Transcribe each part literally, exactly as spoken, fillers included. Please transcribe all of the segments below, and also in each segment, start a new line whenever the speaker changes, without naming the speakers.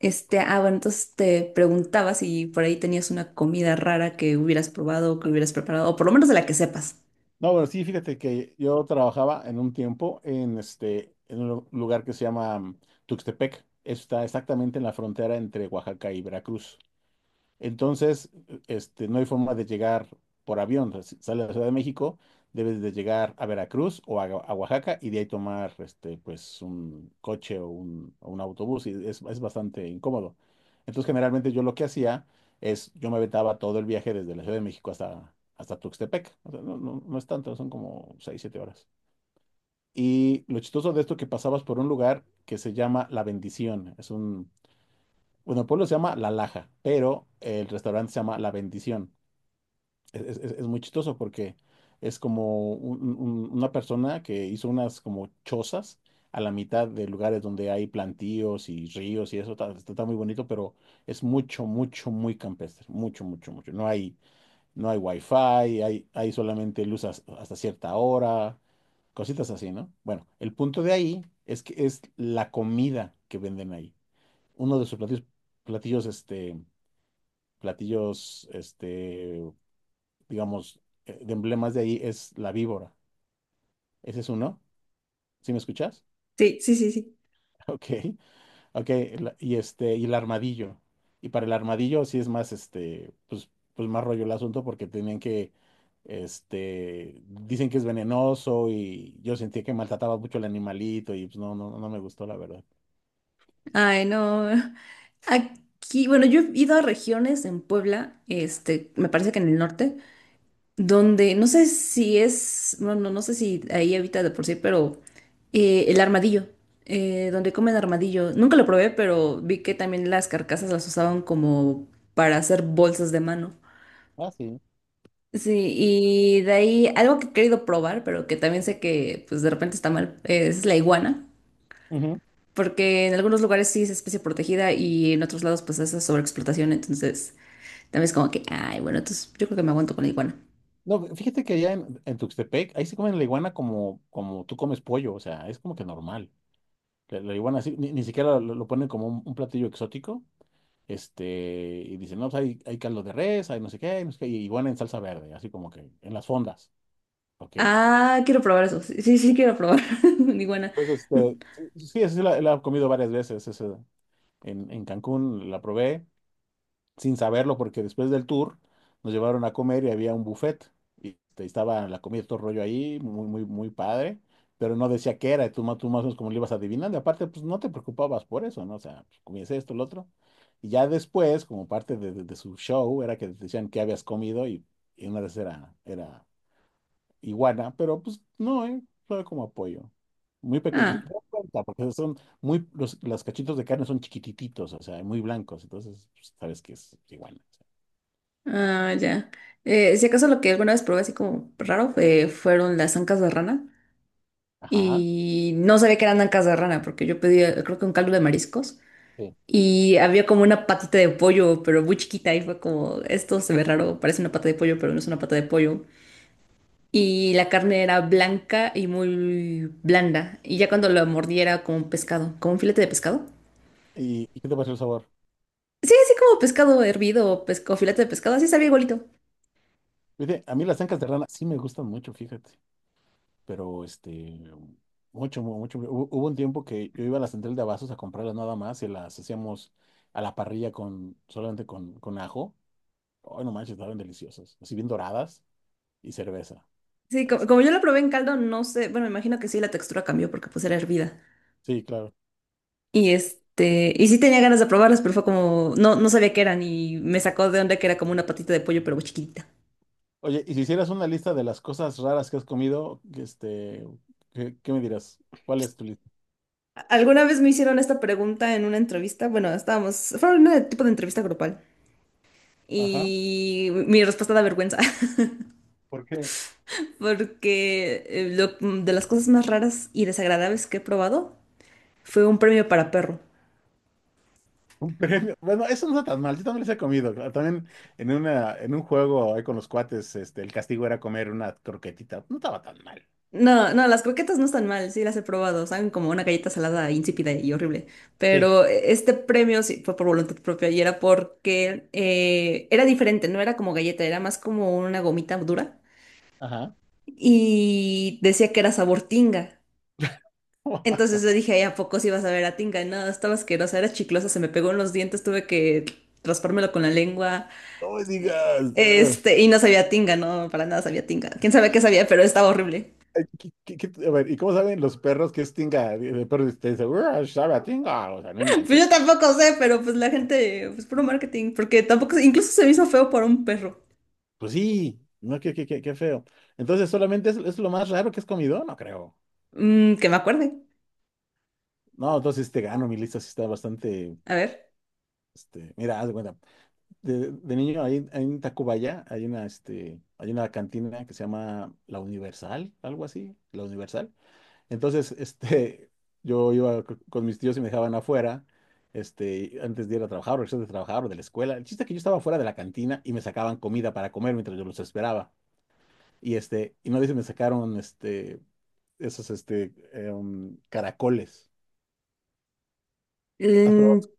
Este, ah, bueno, entonces te preguntaba si por ahí tenías una comida rara que hubieras probado o que hubieras preparado, o por lo menos de la que sepas.
No, bueno, sí, fíjate que yo trabajaba en un tiempo en este, en un lu- lugar que se llama mm, Tuxtepec. Está exactamente en la frontera entre Oaxaca y Veracruz. Entonces, este, no hay forma de llegar por avión. O sea, si sales de la Ciudad de México, debes de llegar a Veracruz o a, a Oaxaca y de ahí tomar este, pues, un coche o un, o un autobús y es, es bastante incómodo. Entonces, generalmente yo lo que hacía es, yo me aventaba todo el viaje desde la Ciudad de México hasta, hasta Tuxtepec. O sea, no, no, no es tanto, son como seis siete horas. Y lo chistoso de esto que pasabas por un lugar que se llama La Bendición. Es un bueno, el pueblo se llama La Laja, pero el restaurante se llama La Bendición. Es, es- es- es muy chistoso porque es como un- un- una persona que hizo unas como chozas a la mitad de lugares donde hay plantíos y ríos y eso. Está, está- está muy bonito, pero es mucho, mucho, muy campestre. Mucho, mucho, mucho. No hay, no hay wifi, hay, hay solamente luz has- hasta cierta hora, cositas así, ¿no? Bueno, el punto de ahí es que es la comida que venden ahí uno de sus platillos, platillos, este, platillos, este, digamos, eh, de emblemas de ahí es la víbora. Ese es uno. ¿Sí me escuchas?
Sí, sí, sí, sí.
Ok, ok. la- y este, y el armadillo. Y para el armadillo sí es más, este, pues, pues más rollo el asunto porque tenían que, este, dicen que es venenoso y yo sentí que maltrataba mucho al animalito y pues no, no, no me gustó la verdad.
Ay, no. Aquí, bueno, yo he ido a regiones en Puebla, este, me parece que en el norte, donde no sé si es, bueno, no sé si ahí habita de por sí, pero eh, el armadillo, eh, donde comen armadillo. Nunca lo probé, pero vi que también las carcasas las usaban como para hacer bolsas de mano.
Ah, sí.
Sí, y de ahí algo que he querido probar, pero que también sé que pues de repente está mal, es la iguana, porque en algunos lugares sí es especie protegida y en otros lados pues es sobreexplotación, entonces también es como que, ay, bueno, entonces yo creo que me aguanto con la iguana.
No, fíjate que allá en, en Tuxtepec, ahí se comen la iguana como, como tú comes pollo, o sea, es como que normal. La, la iguana así, ni, ni siquiera lo, lo ponen como un, un platillo exótico, este, y dicen, no, pues hay, hay caldo de res, hay no sé qué, hay no sé qué, y iguana en salsa verde, así como que en las fondas, porque,
Ah, quiero probar eso, sí, sí, sí quiero probar una iguana.
entonces, este, sí, sí, sí la, la he comido varias veces, esa- en, en Cancún la probé, sin saberlo, porque después del tour nos llevaron a comer y había un buffet. Y este, estaba la comida, todo rollo ahí, muy, muy, muy padre, pero no decía qué era, y tú, ma- tú más o menos como le ibas adivinando. Y aparte, pues no te preocupabas por eso, ¿no? O sea, pues, comías esto, lo otro. Y ya después, como parte de, de- de su show, era que te decían qué habías comido y, y una vez era, era iguana, pero pues no, ¿eh? Fue como apoyo. Muy pequeño, te
Ah,
das cuenta, porque son muy, los, los cachitos de carne son chiquitititos, o sea, muy blancos, entonces pues, sabes que es iguana.
ah, ya. Eh, si acaso lo que alguna vez probé así como raro fue, fueron las ancas de rana
Ajá.
y no sabía que eran ancas de rana porque yo pedía, creo que un caldo de mariscos.
Sí.
Y había como una patita de pollo, pero muy chiquita. Y fue como, esto se ve raro, parece una pata de pollo, pero no es una pata de pollo. Y la carne era blanca y muy blanda. Y ya cuando la mordí era como un pescado, como un filete de pescado.
¿Y, y qué te pareció el sabor?
Sí, así como pescado hervido o pesco, filete de pescado, así sabía igualito.
Fíjate, a mí las ancas de rana sí me gustan mucho, fíjate. Pero este, mucho, mu- mucho. Hubo, hubo un tiempo que yo iba a la central de abastos a comprarlas nada más y las hacíamos a la parrilla con, solamente con, con ajo. Ay, no manches, estaban deliciosas. Así bien doradas y cerveza.
Sí, co-
Ese.
como, yo la probé en caldo, no sé, bueno, me imagino que sí, la textura cambió porque pues era hervida.
Sí, claro.
Y este, y sí tenía ganas de probarlas, pero fue como, no, no sabía qué eran y me sacó de onda que era como una patita de pollo, pero muy chiquitita.
Oye, y si hicieras una lista de las cosas raras que has comido, que, este, ¿qué, qué me dirás? ¿Cuál es tu lista?
Alguna vez me hicieron esta pregunta en una entrevista, bueno, estábamos, fue un tipo de entrevista grupal
Ajá.
y mi respuesta da vergüenza.
¿Por qué?
Porque eh, lo- de las cosas más raras y desagradables que he probado fue un premio para perro.
Un premio. Bueno, eso no está tan mal. Yo también les he comido. Claro, también en una, en un juego ahí con los cuates, este, el castigo era comer una croquetita. No estaba tan mal.
No, no, las croquetas no están mal, sí las he probado, saben como una galleta salada insípida y horrible,
Sí.
pero eh, este premio sí fue por voluntad propia y era porque eh, era diferente, no era como galleta, era más como una gomita dura
Ajá.
y decía que era sabor tinga. Entonces yo dije, "Ay, ¿a poco sí vas a ver a Tinga? No, estaba asquerosa, era chiclosa, se me pegó en los dientes, tuve que raspármelo con la lengua.
No me digas. Ah.
Este, y no sabía a Tinga, no, para nada sabía a Tinga. Quién sabe qué sabía, pero estaba horrible.
Ay, ¿qué- qué- qué- a ver, ¿y cómo saben los perros que es tinga? El perro te dice, "Uah, sabe a tinga." O sea, no
Pues
manchen.
yo tampoco sé, pero pues la gente, pues puro marketing, porque tampoco, incluso se me hizo feo por un perro.
Pues sí. No, qué, qué, qué, qué feo. Entonces, ¿solamente es, es lo más raro que has comido? No creo.
Mm, que me acuerde.
No, entonces te gano. Mi lista sí está bastante.
A ver.
Este, mira, haz de cuenta. de, de niño, ahí, ahí en Tacubaya hay una, este, hay una cantina que se llama La Universal, algo así, La Universal. Entonces, este, yo iba co- con mis tíos y me dejaban afuera, este, antes de ir a trabajar, regresar de trabajar o de la escuela. El chiste es que yo estaba fuera de la cantina y me sacaban comida para comer mientras yo los esperaba. Y este, y no dice, me sacaron, este, esos, este, em, caracoles. ¿Has probado
Mm,
los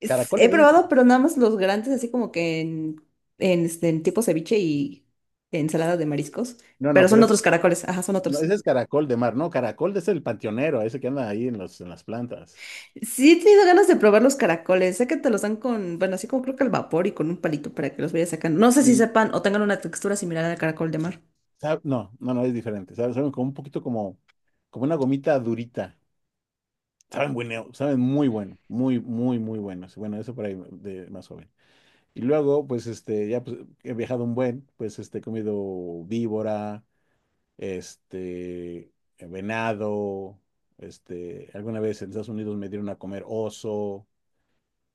es- he
caracoles? De esos
probado,
como...
pero nada más los grandes, así como que en, en, este, en tipo ceviche y ensalada de mariscos.
No,
Pero
no,
son
pero
otros
estos.
caracoles, ajá, son
No,
otros.
ese es caracol de mar, no, caracol es el panteonero, ese que anda ahí en los, en las plantas.
Sí, he tenido ganas de probar los caracoles. Sé que te los dan con, bueno, así como creo que al vapor y con un palito para que los vayas sacando. No sé si
Sí,
sepan o tengan una textura similar al caracol de mar.
Sa- no, no, no, es diferente. Saben, saben como un poquito como, como una gomita durita. Saben bueno, saben muy bueno, muy, muy, muy buenos. Bueno, eso por ahí de más joven. Y luego, pues, este, ya pues, he viajado un buen, pues, este, he comido víbora, este, venado, este, alguna vez en Estados Unidos me dieron a comer oso.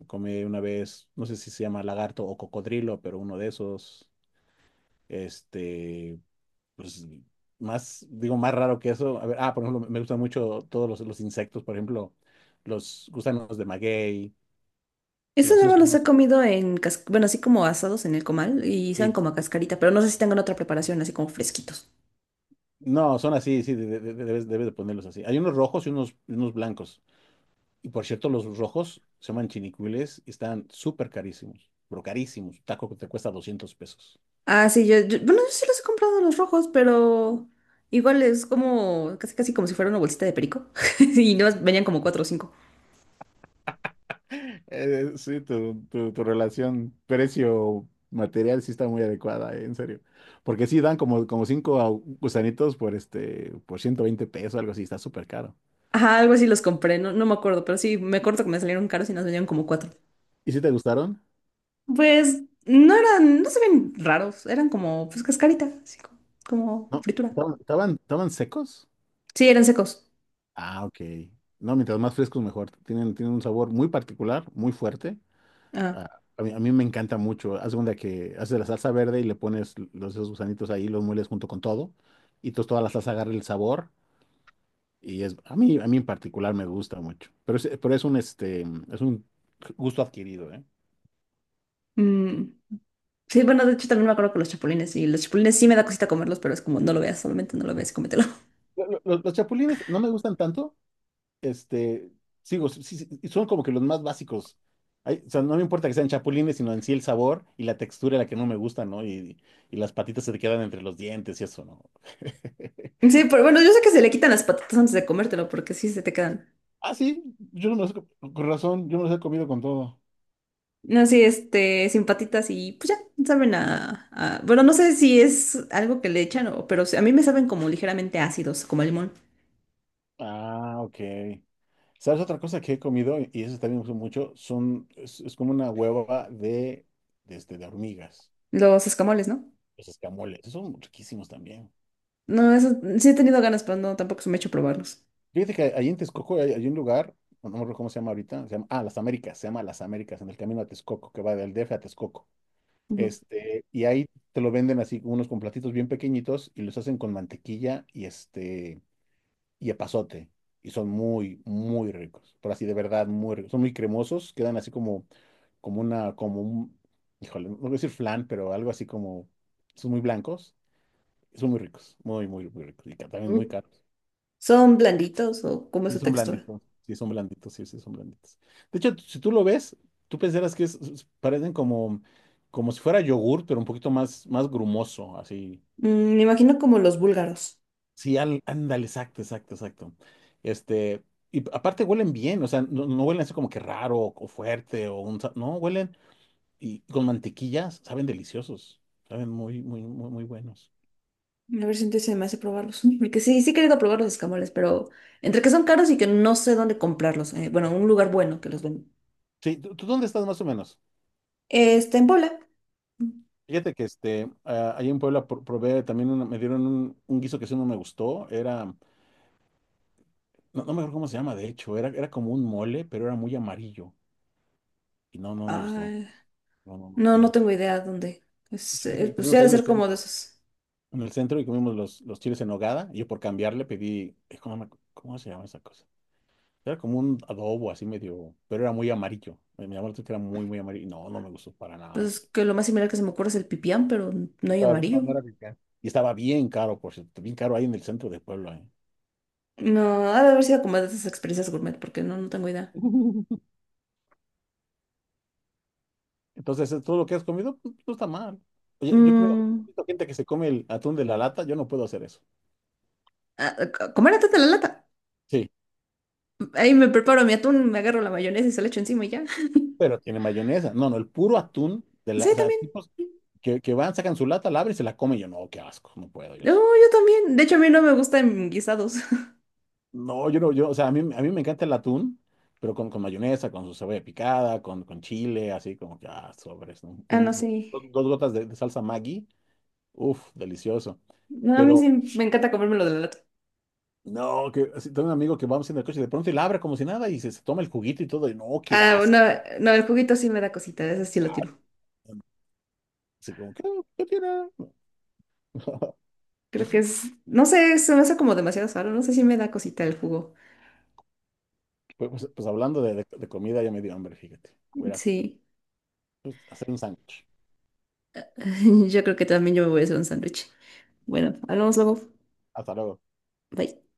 Comí una vez, no sé si se llama lagarto o cocodrilo, pero uno de esos, este, pues más, digo, más raro que eso. A ver, ah, por ejemplo, me gustan mucho todos los, los insectos, por ejemplo, los gusanos de maguey,
Eso
los, sí
nada
los
más los he
conozco,
comido en, cas- bueno, así como asados en el comal y saben
sí.
como a cascarita, pero no sé si tengan otra preparación, así como fresquitos.
No, son así, sí, de- de- de- debes, debes de ponerlos así. Hay unos rojos y unos, y unos blancos. Y por cierto, los rojos se llaman chinicuiles y están súper carísimos, pero carísimos. Un taco que te cuesta doscientos pesos.
Ah, sí, yo, yo- bueno, yo sí los he comprado los rojos, pero igual es como, casi casi como si fuera una bolsita de perico. Y no, venían como cuatro o cinco.
Eh, eh, sí, tu, tu, tu relación precio-material sí está muy adecuada, eh, en serio. Porque sí dan como, como cinco au- gusanitos por este, por ciento veinte pesos, algo así, está súper caro.
Ajá, algo así los compré, no, no me acuerdo, pero sí, me acuerdo que me salieron caros y nos venían como cuatro.
¿Y si te gustaron?
Pues no eran, no se ven raros, eran como pues cascarita, así co- como,
No,
fritura.
¿estaban, estaban, estaban secos?
Sí, eran secos.
Ah, ok. No, mientras más frescos mejor. Tienen, tienen un sabor muy particular, muy fuerte.
Ah,
Ah, a mí, a mí me encanta mucho. Haz de cuenta que haces la salsa verde y le pones los, esos gusanitos ahí, los mueles junto con todo. Y entonces toda la salsa agarra el sabor. Y es, a mí, a mí en particular me gusta mucho, pero es, pero es un, este, es un gusto adquirido, ¿eh?
mm, sí, bueno, de hecho también me acuerdo que los chapulines, y los chapulines sí me da cosita comerlos, pero es como no lo veas, solamente no lo veas y cómetelo.
Lo- lo- Los, los chapulines no me gustan tanto, este, sigo, sí, sí, sí, son como que los más básicos. Ay, o sea, no me importa que sean chapulines, sino en sí el sabor y la textura la que no me gusta, ¿no? Y, y las patitas se te quedan entre los dientes y eso, ¿no?
Sí, pero bueno, yo sé que se le quitan las patitas antes de comértelo, porque sí se te quedan.
Ah, sí, yo no me los, he co- con razón, yo me los he comido con todo.
No, sí, este, sin patitas y pues ya, saben a, a- bueno, no sé si es algo que le echan, o, pero sí, a mí me saben como ligeramente ácidos, como el limón.
Ah, ok. ¿Sabes otra cosa que he comido? Y eso también me gusta mucho. Son, es, es como una hueva de, de, este, de hormigas.
Los escamoles, ¿no?
Los escamoles. Esos son riquísimos también.
No, eso sí he tenido ganas, pero no, tampoco se me ha hecho probarlos.
Fíjate que ahí en Texcoco hay, hay un lugar, no me acuerdo cómo se llama ahorita. Se llama, ah, Las Américas. Se llama Las Américas, en el camino a Texcoco, que va del D F a Texcoco.
Ujú.
Este, y ahí te lo venden así, unos con platitos bien pequeñitos y los hacen con mantequilla y este y epazote. Y son muy, muy ricos. Pero así de verdad, muy ricos. Son muy cremosos. Quedan así como, como una, como un, híjole, no voy a decir flan, pero algo así como, son muy blancos. Y son muy ricos. Muy, muy, muy ricos. Y ca- también
Mm.
muy caros.
¿Son blanditos o cómo es
Y
su
son
textura?
blanditos. Sí, son blanditos. Sí, sí, son blanditos. De hecho, si tú lo ves, tú pensarás que es- es- parecen como, como si fuera yogur, pero un poquito más, más grumoso, así.
Mm, me imagino como los búlgaros.
Sí, al- ándale, exacto, exacto, exacto. Este, y aparte huelen bien, o sea, no, no huelen así como que raro o, fuerte o un... sa- no, huelen y con mantequillas saben deliciosos, saben muy, muy, muy, muy buenos.
A ver si entonces se me hace probarlos. Mm, porque sí, sí he querido probar los escamoles, pero entre que son caros y que no sé dónde comprarlos. Eh, bueno, un lugar bueno que los venden.
Sí, ¿tú, tú dónde estás más o menos?
Este, en Puebla. Mm.
Fíjate que este, ah, ahí en Puebla pro- probé también, una- me dieron un, un guiso que sí no me gustó, era, no, no me acuerdo cómo se llama, de hecho, era, era como un mole, pero era muy amarillo y no, no me gustó.
Ay,
No, no,
no,
no,
no
no.
tengo idea dónde. Es,
Fíjate,
eh,
y
pues sí
comimos
ha
ahí
de
en el
ser como de
centro.
esos.
en el centro y comimos los, los chiles en nogada. Y yo por cambiarle pedí, eh, ¿cómo, me- cómo se llama esa cosa? Era como un adobo así medio, pero era muy amarillo. Me me llamó la atención que era muy, muy amarillo. No, no me gustó para nada.
Pues que lo más similar que se me ocurre es el pipián, pero no hay
Estaba, no,
amarillo.
no era picar. Y estaba bien caro, por cierto, bien caro ahí en el centro de Puebla, ¿eh?
No, ha de haber sido como de esas experiencias gourmet, porque no, no tengo idea.
Entonces, eh, todo lo que has comido, pues, no está mal. Oye, yo he comido, he
Mm,
visto gente que se come el atún de la lata, yo no puedo hacer eso.
ah, ah, comer atún de la lata.
Sí,
Ahí me preparo mi atún, me agarro la mayonesa y se la echo encima y ya.
pero tiene mayonesa. No, no, el puro atún de la,
Sí,
o sea,
también.
tipos que, que van, sacan su lata, la abren y se la comen. Yo no, qué asco, no puedo yo
No,
eso.
yo también. De hecho, a mí no me gustan guisados.
No, yo no, yo, o sea, a mí, a mí me encanta el atún, pero con, con mayonesa, con su cebolla picada, con, con chile, así como que, ah, sobres, ¿no?
Ah, no,
Un-
sí.
do- dos gotas de, de salsa Maggi, uff, delicioso.
No, a mí sí
Pero,
me encanta comérmelo de la lata.
no, que así, Tengo un amigo que vamos en el coche y de pronto él abre como si nada y se, se toma el juguito y todo, y no, qué
Ah, no,
asco.
no, el juguito sí me da cosita, ese sí lo tiro.
Así como, ¿qué, qué tiene?
Creo que es, no sé, se me hace como demasiado sano, no sé si me da cosita el jugo.
Pues, pues, pues hablando de, de- de comida, ya me dio hambre, fíjate. Voy a ir a,
Sí,
pues, hacer un sándwich.
yo creo que también yo me voy a hacer un sándwich. Bueno, hablamos luego.
Hasta luego.
Bye.